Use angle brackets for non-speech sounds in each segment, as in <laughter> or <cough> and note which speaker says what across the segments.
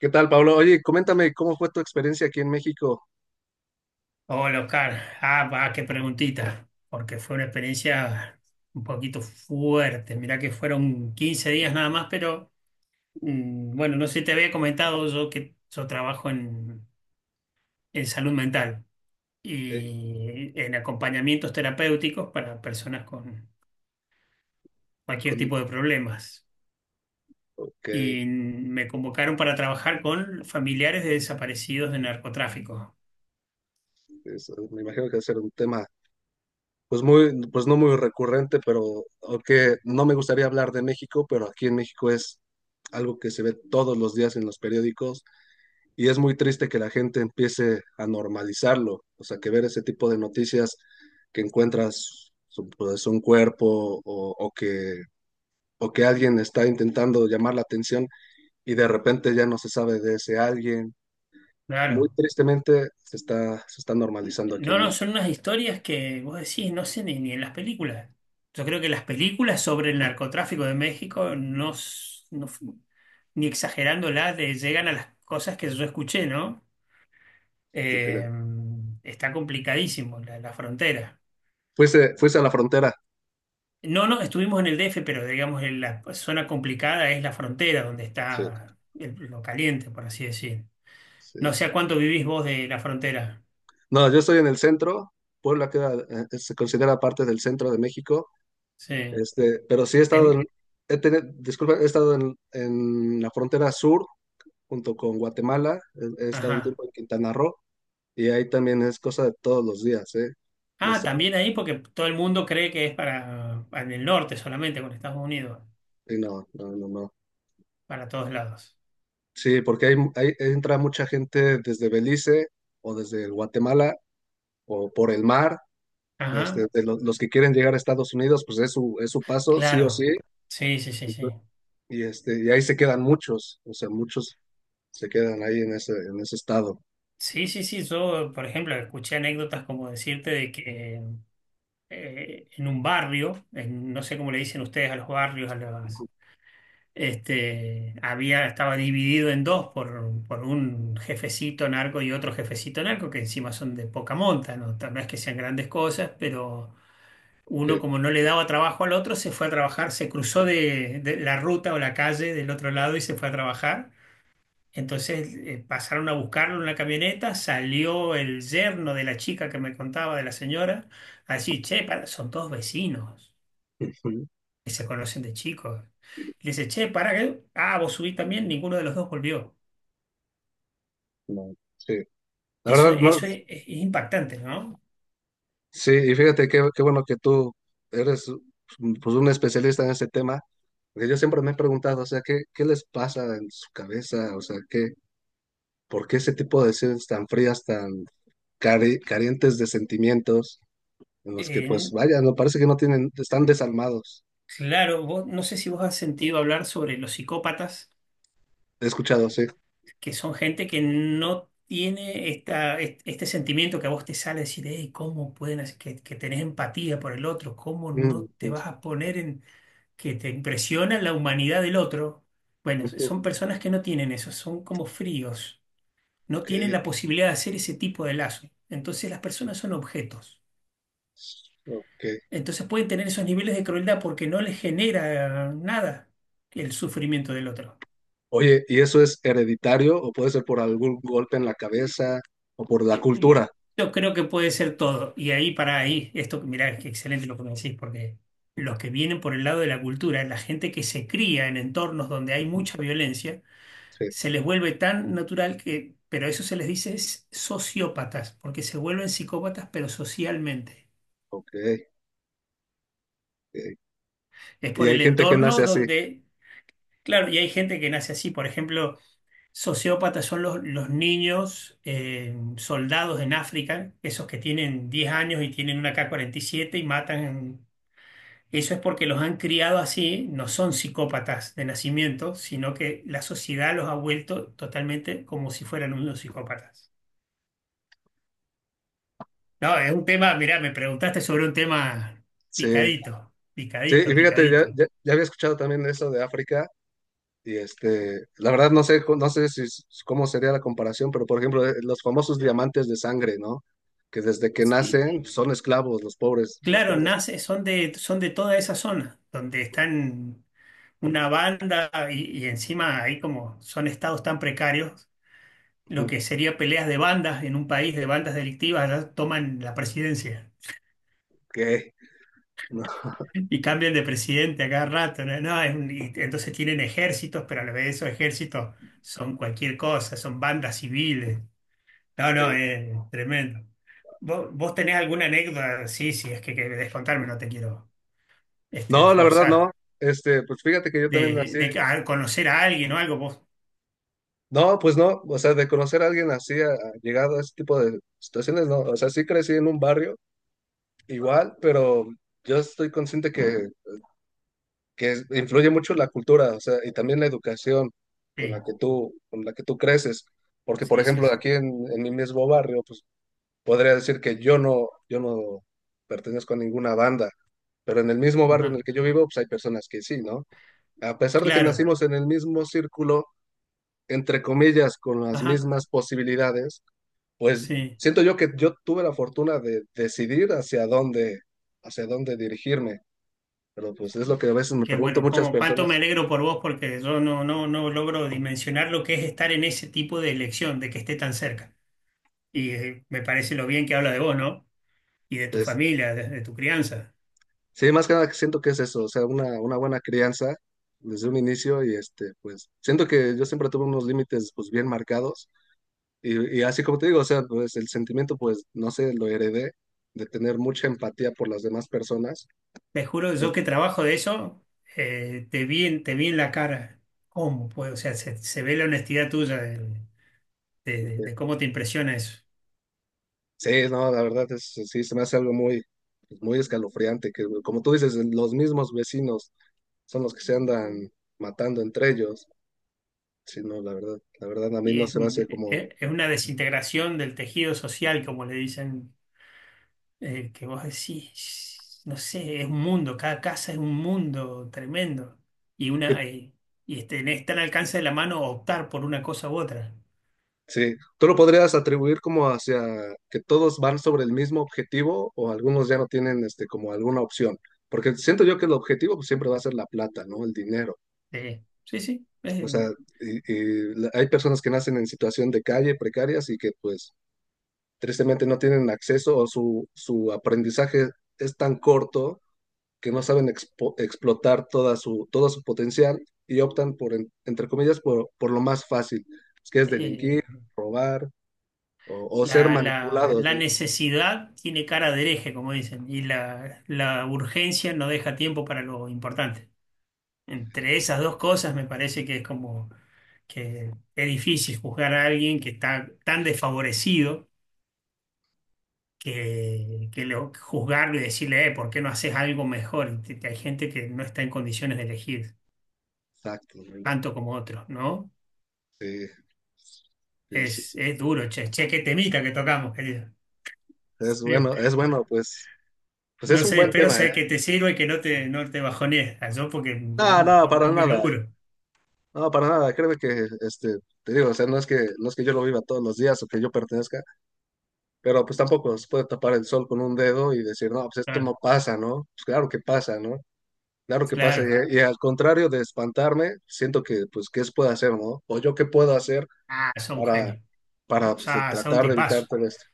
Speaker 1: ¿Qué tal, Pablo? Oye, coméntame cómo fue tu experiencia aquí en México.
Speaker 2: Hola Oscar, va, qué preguntita, porque fue una experiencia un poquito fuerte. Mirá que fueron 15 días nada más, pero bueno, no sé si te había comentado yo que yo trabajo en salud mental
Speaker 1: Eh,
Speaker 2: y en acompañamientos terapéuticos para personas con cualquier
Speaker 1: con,
Speaker 2: tipo de problemas.
Speaker 1: ok,
Speaker 2: Y me convocaron para trabajar con familiares de desaparecidos de narcotráfico.
Speaker 1: eso, me imagino que va a ser un tema, pues no muy recurrente, pero aunque no me gustaría hablar de México, pero aquí en México es algo que se ve todos los días en los periódicos, y es muy triste que la gente empiece a normalizarlo, o sea, que ver ese tipo de noticias que encuentras pues, un cuerpo, o que alguien está intentando llamar la atención y de repente ya no se sabe de ese alguien. Muy
Speaker 2: Claro.
Speaker 1: tristemente se está, normalizando aquí
Speaker 2: No,
Speaker 1: en
Speaker 2: no,
Speaker 1: México.
Speaker 2: son unas historias que vos decís, no sé, ni en las películas. Yo creo que las películas sobre el narcotráfico de México no, no ni exagerándolas, llegan a las cosas que yo escuché, ¿no? Eh, Está complicadísimo la frontera.
Speaker 1: Fuese a la frontera.
Speaker 2: No, no, estuvimos en el DF, pero digamos, en la zona complicada es la frontera, donde
Speaker 1: Sí,
Speaker 2: está lo caliente, por así decir.
Speaker 1: sí.
Speaker 2: No sé a cuánto vivís vos de la frontera.
Speaker 1: No, yo estoy en el centro. Puebla queda, se considera parte del centro de México.
Speaker 2: Sí.
Speaker 1: Este, pero sí he estado
Speaker 2: Em,
Speaker 1: en, he tenido- disculpa, he estado en la frontera sur junto con Guatemala. He estado un
Speaker 2: ajá.
Speaker 1: tiempo en Quintana Roo, y ahí también es cosa de todos los días, ¿eh? De
Speaker 2: Ah,
Speaker 1: estar-
Speaker 2: también ahí porque todo el mundo cree que es para, en el norte solamente, con Estados Unidos,
Speaker 1: y no, no, no, no.
Speaker 2: para todos lados.
Speaker 1: Sí, porque entra mucha gente desde Belice o desde Guatemala o por el mar. Este,
Speaker 2: Ajá,
Speaker 1: de los que quieren llegar a Estados Unidos, pues es su, paso, sí o
Speaker 2: claro.
Speaker 1: sí.
Speaker 2: Sí, sí, sí,
Speaker 1: Y, pues,
Speaker 2: sí.
Speaker 1: y, este, y ahí se quedan muchos, o sea, muchos se quedan ahí en ese estado.
Speaker 2: Sí, sí, sí. Yo, por ejemplo, escuché anécdotas como decirte de que en un barrio, no sé cómo le dicen ustedes a los barrios, a las, este, había, estaba dividido en dos por un jefecito narco y otro jefecito narco, que encima son de poca monta, ¿no? No es que sean grandes cosas, pero uno,
Speaker 1: Sí.
Speaker 2: como no le daba trabajo al otro, se fue a trabajar, se cruzó de la ruta o la calle del otro lado y se fue a trabajar. Entonces pasaron a buscarlo en una camioneta, salió el yerno de la chica que me contaba, de la señora, así, che, para, son todos vecinos
Speaker 1: Ujú.
Speaker 2: que se conocen de chicos. Y le dice, che, para, que, vos subís también, ninguno de los dos volvió.
Speaker 1: No, sí. La
Speaker 2: Eso,
Speaker 1: verdad, no,
Speaker 2: eso es impactante, ¿no?
Speaker 1: sí, y fíjate qué bueno que tú eres pues un especialista en ese tema, porque yo siempre me he preguntado, o sea, ¿qué les pasa en su cabeza? O sea, ¿por qué ese tipo de decisiones tan frías, tan carentes de sentimientos? En los que pues
Speaker 2: En-
Speaker 1: vaya, no parece que no tienen, están desalmados.
Speaker 2: claro, vos, no sé si vos has sentido hablar sobre los psicópatas
Speaker 1: He escuchado, sí.
Speaker 2: que son gente que no tiene este sentimiento que a vos te sale decir, hey, ¿cómo pueden hacer que tenés empatía por el otro? ¿Cómo
Speaker 1: Mm,
Speaker 2: no te
Speaker 1: mm.
Speaker 2: vas a poner en que te impresiona la humanidad del otro? Bueno,
Speaker 1: Ok,
Speaker 2: son personas que no tienen eso, son como fríos, no tienen la posibilidad de hacer ese tipo de lazo. Entonces las personas son objetos.
Speaker 1: ok.
Speaker 2: Entonces pueden tener esos niveles de crueldad porque no les genera nada el sufrimiento del otro.
Speaker 1: Oye, ¿y eso es hereditario o puede ser por algún golpe en la cabeza o por la
Speaker 2: eh, eh,
Speaker 1: cultura?
Speaker 2: Yo creo que puede ser todo. Y ahí para ahí, esto, mirá, es que excelente lo que me decís, porque los que vienen por el lado de la cultura, la gente que se cría en entornos donde hay
Speaker 1: Ujú.
Speaker 2: mucha violencia,
Speaker 1: Sí,
Speaker 2: se les vuelve tan natural que, pero eso se les dice es sociópatas, porque se vuelven psicópatas, pero socialmente.
Speaker 1: ok. Ok.
Speaker 2: Es
Speaker 1: Y
Speaker 2: por
Speaker 1: hay
Speaker 2: el
Speaker 1: gente que
Speaker 2: entorno
Speaker 1: nace así.
Speaker 2: donde, claro, y hay gente que nace así, por ejemplo. Sociópatas son los niños soldados en África, esos que tienen 10 años y tienen una K-47 y siete y matan. Eso es porque los han criado así, no son psicópatas de nacimiento, sino que la sociedad los ha vuelto totalmente como si fueran unos psicópatas. No, es un tema, mirá, me preguntaste sobre un tema
Speaker 1: Sí,
Speaker 2: picadito,
Speaker 1: sí, y
Speaker 2: picadito,
Speaker 1: fíjate, ya,
Speaker 2: picadito.
Speaker 1: ya, ya había escuchado también eso de África, y este, la verdad no sé, cu- no sé si, s- cómo sería la comparación, pero por ejemplo, los famosos diamantes de sangre, ¿no? Que desde que
Speaker 2: Sí.
Speaker 1: nacen son esclavos, los pobres, los
Speaker 2: Claro,
Speaker 1: pobres.
Speaker 2: nace, son de toda esa zona, donde están una banda y encima ahí como son estados tan precarios, lo
Speaker 1: Ok,
Speaker 2: que sería peleas de bandas en un país de bandas delictivas, ya toman la presidencia
Speaker 1: no, <laughs>
Speaker 2: y cambian de presidente a cada rato, ¿no? No, es y entonces tienen ejércitos, pero a la vez esos ejércitos son cualquier cosa, son bandas civiles. No, no,
Speaker 1: sí.
Speaker 2: es tremendo. ¿Vos, vos tenés alguna anécdota? Sí, sí, es que querés contarme, no te quiero este,
Speaker 1: No, la verdad no.
Speaker 2: forzar.
Speaker 1: Este, pues fíjate que yo también así.
Speaker 2: Conocer a alguien o algo, vos.
Speaker 1: No, pues no, o sea, de conocer a alguien así, ha llegado a este tipo de situaciones, no. O sea, sí crecí en un barrio igual, pero yo estoy consciente que, influye mucho la cultura, o sea, y también la educación con la
Speaker 2: Sí,
Speaker 1: que tú, con la que tú creces. Porque, por
Speaker 2: sí, sí,
Speaker 1: ejemplo,
Speaker 2: sí.
Speaker 1: aquí en, mi mismo barrio, pues podría decir que yo no pertenezco a ninguna banda, pero en el mismo barrio en
Speaker 2: Ajá,
Speaker 1: el que yo vivo, pues hay personas que sí, ¿no? A pesar de que
Speaker 2: claro.
Speaker 1: nacimos en el mismo círculo, entre comillas, con las
Speaker 2: Ajá,
Speaker 1: mismas posibilidades, pues
Speaker 2: sí.
Speaker 1: siento yo que yo tuve la fortuna de decidir hacia dónde dirigirme. Pero pues es lo que a veces me
Speaker 2: Que
Speaker 1: pregunto
Speaker 2: bueno,
Speaker 1: muchas
Speaker 2: como cuánto
Speaker 1: personas.
Speaker 2: me alegro por vos porque yo no, no, no logro dimensionar lo que es estar en ese tipo de elección, de que esté tan cerca. Y me parece lo bien que habla de vos, ¿no? Y de tu
Speaker 1: Es,
Speaker 2: familia, de tu crianza.
Speaker 1: sí, más que nada que siento que es eso, o sea, una buena crianza desde un inicio, y este, pues siento que yo siempre tuve unos límites pues bien marcados, y así como te digo, o sea, pues el sentimiento pues no sé, lo heredé de tener mucha empatía por las demás personas.
Speaker 2: Te juro, yo que trabajo de eso, te vi en la cara. ¿Cómo puedo? O sea, se ve la honestidad tuya de, de cómo te impresiona eso.
Speaker 1: Sí, no, la verdad es, sí, se me hace algo muy escalofriante, que como tú dices, los mismos vecinos son los que se andan matando entre ellos. Sí, no, la verdad a mí
Speaker 2: Y
Speaker 1: no
Speaker 2: es,
Speaker 1: se me hace como.
Speaker 2: es una desintegración del tejido social, como le dicen que vos decís, no sé, es un mundo, cada casa es un mundo tremendo. Y
Speaker 1: eh,
Speaker 2: una y tenés tan al alcance de la mano optar por una cosa u otra.
Speaker 1: Sí, ¿tú lo podrías atribuir como hacia que todos van sobre el mismo objetivo o algunos ya no tienen este, como alguna opción? Porque siento yo que el objetivo pues, siempre va a ser la plata, ¿no? El dinero.
Speaker 2: Sí, sí.
Speaker 1: O sea, y hay personas que nacen en situación de calle, precarias y que pues tristemente no tienen acceso o su aprendizaje es tan corto que no saben explotar todo su potencial y optan por, entre comillas, por lo más fácil, que es
Speaker 2: Eh,
Speaker 1: delinquir, robar o ser manipulados,
Speaker 2: la
Speaker 1: ¿no?
Speaker 2: necesidad tiene cara de hereje, como dicen, y la urgencia no deja tiempo para lo importante. Entre esas dos cosas me parece que es como que es difícil juzgar a alguien que está tan desfavorecido que juzgarlo y decirle, ¿por qué no haces algo mejor? Y hay gente que no está en condiciones de elegir
Speaker 1: Exactamente.
Speaker 2: tanto como otros, ¿no?
Speaker 1: Sí, sí, sí. Sí.
Speaker 2: Es duro, che, che, qué temita que tocamos, querido. En serio.
Speaker 1: Es bueno, pues
Speaker 2: No
Speaker 1: es un
Speaker 2: sé,
Speaker 1: buen
Speaker 2: espero
Speaker 1: tema, ¿eh?
Speaker 2: sé que te sirva y que no te, no te bajonees, yo porque es
Speaker 1: No,
Speaker 2: un
Speaker 1: no, para
Speaker 2: poco mi
Speaker 1: nada.
Speaker 2: laburo.
Speaker 1: No, para nada. Créeme que, este, te digo, o sea, no es que yo lo viva todos los días o que yo pertenezca. Pero pues tampoco se puede tapar el sol con un dedo y decir, no, pues esto
Speaker 2: Claro,
Speaker 1: no pasa, ¿no? Pues claro que pasa, ¿no? Claro que pasa.
Speaker 2: claro.
Speaker 1: Y al contrario de espantarme, siento que, pues, ¿qué se puede hacer, no? O yo qué puedo hacer
Speaker 2: Ah, sos un
Speaker 1: para,
Speaker 2: genio. O
Speaker 1: para pues,
Speaker 2: sea, sos un
Speaker 1: tratar de evitar
Speaker 2: tipazo.
Speaker 1: todo esto.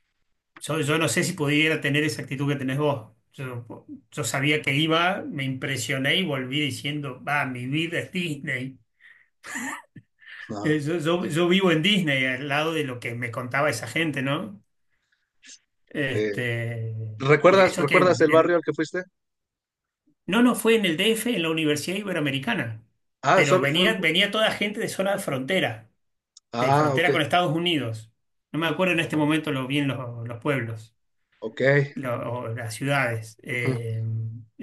Speaker 2: Yo no sé si pudiera tener esa actitud que tenés vos. Yo sabía que iba, me impresioné y volví diciendo, va, mi vida es Disney.
Speaker 1: No.
Speaker 2: Yo, yo vivo en Disney, al lado de lo que me contaba esa gente, ¿no?
Speaker 1: eh,
Speaker 2: Este, y
Speaker 1: ¿Recuerdas,
Speaker 2: eso que
Speaker 1: recuerdas el barrio al que fuiste?
Speaker 2: no, no fue en el DF, en la Universidad Iberoamericana,
Speaker 1: Ah,
Speaker 2: pero
Speaker 1: solo fue
Speaker 2: venía,
Speaker 1: un.
Speaker 2: venía toda gente de zona de
Speaker 1: Ah,
Speaker 2: frontera
Speaker 1: ok,
Speaker 2: con Estados Unidos. No me acuerdo en este momento lo bien los pueblos,
Speaker 1: ok.
Speaker 2: o las ciudades.
Speaker 1: Ujú.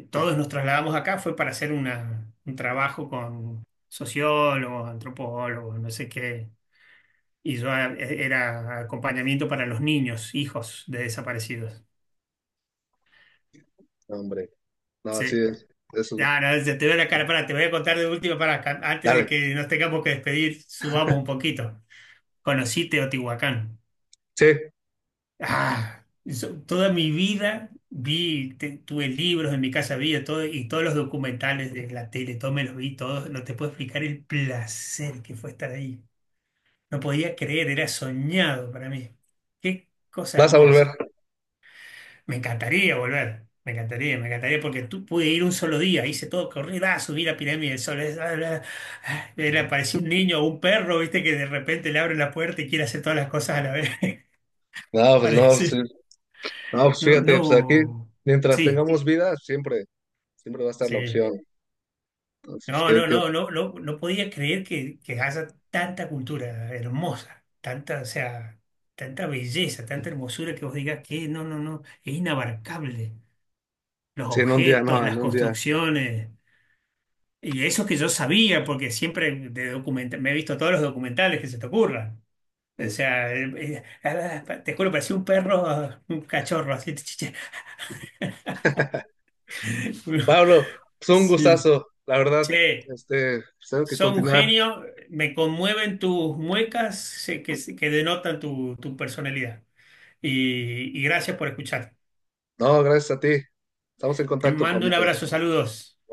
Speaker 2: Todos nos trasladamos acá, fue para hacer una, un trabajo con sociólogos, antropólogos, no sé qué. Y yo era acompañamiento para los niños, hijos de desaparecidos.
Speaker 1: No, hombre, no,
Speaker 2: Sí.
Speaker 1: así es. Eso.
Speaker 2: Ya, no, ya te veo la cara, pará, te voy a contar de última, para antes de
Speaker 1: Dale,
Speaker 2: que nos tengamos que despedir, subamos un poquito. Conocí Teotihuacán.
Speaker 1: sí,
Speaker 2: Ah, yo toda mi vida vi, tuve libros en mi casa, vi de todo, y todos los documentales de la tele, todos me los vi, todos, no te puedo explicar el placer que fue estar ahí. No podía creer, era soñado para mí. Qué cosa
Speaker 1: vas a
Speaker 2: hermosa.
Speaker 1: volver.
Speaker 2: Me encantaría volver, me encantaría porque tú pude ir un solo día, hice todo, corrí, ah, subí la pirámide del Sol, ah, bla, ah, le apareció un niño o un perro, viste, que de repente le abre la puerta y quiere hacer todas las cosas a la vez, <laughs>
Speaker 1: No, pues no, sí.
Speaker 2: parece.
Speaker 1: No, pues
Speaker 2: No,
Speaker 1: fíjate, pues aquí,
Speaker 2: no,
Speaker 1: mientras
Speaker 2: sí,
Speaker 1: tengamos vida, siempre. Siempre va a estar la
Speaker 2: sí.
Speaker 1: opción. Entonces,
Speaker 2: No,
Speaker 1: pues,
Speaker 2: no,
Speaker 1: que, que-
Speaker 2: no, no, no, no podía creer que haya tanta cultura hermosa, tanta, o sea, tanta belleza, tanta hermosura que vos digas que no, no, no, es inabarcable. Los
Speaker 1: Sí, en un día,
Speaker 2: objetos,
Speaker 1: no,
Speaker 2: las
Speaker 1: en un día.
Speaker 2: construcciones. Y eso que yo sabía, porque siempre me he visto todos los documentales que se te ocurran. O
Speaker 1: Mm.
Speaker 2: sea, te juro, parecía un perro, un cachorro, así. <laughs> chi, chi, chi. <laughs>
Speaker 1: Pablo, pues un
Speaker 2: Sí.
Speaker 1: gustazo, la verdad,
Speaker 2: Che,
Speaker 1: este, pues, tengo que
Speaker 2: sos un
Speaker 1: continuar.
Speaker 2: genio, me conmueven tus muecas que denotan tu, tu personalidad. Y gracias por escuchar.
Speaker 1: No, gracias a ti. Estamos en
Speaker 2: Te
Speaker 1: contacto,
Speaker 2: mando un
Speaker 1: Pablito.
Speaker 2: abrazo, saludos.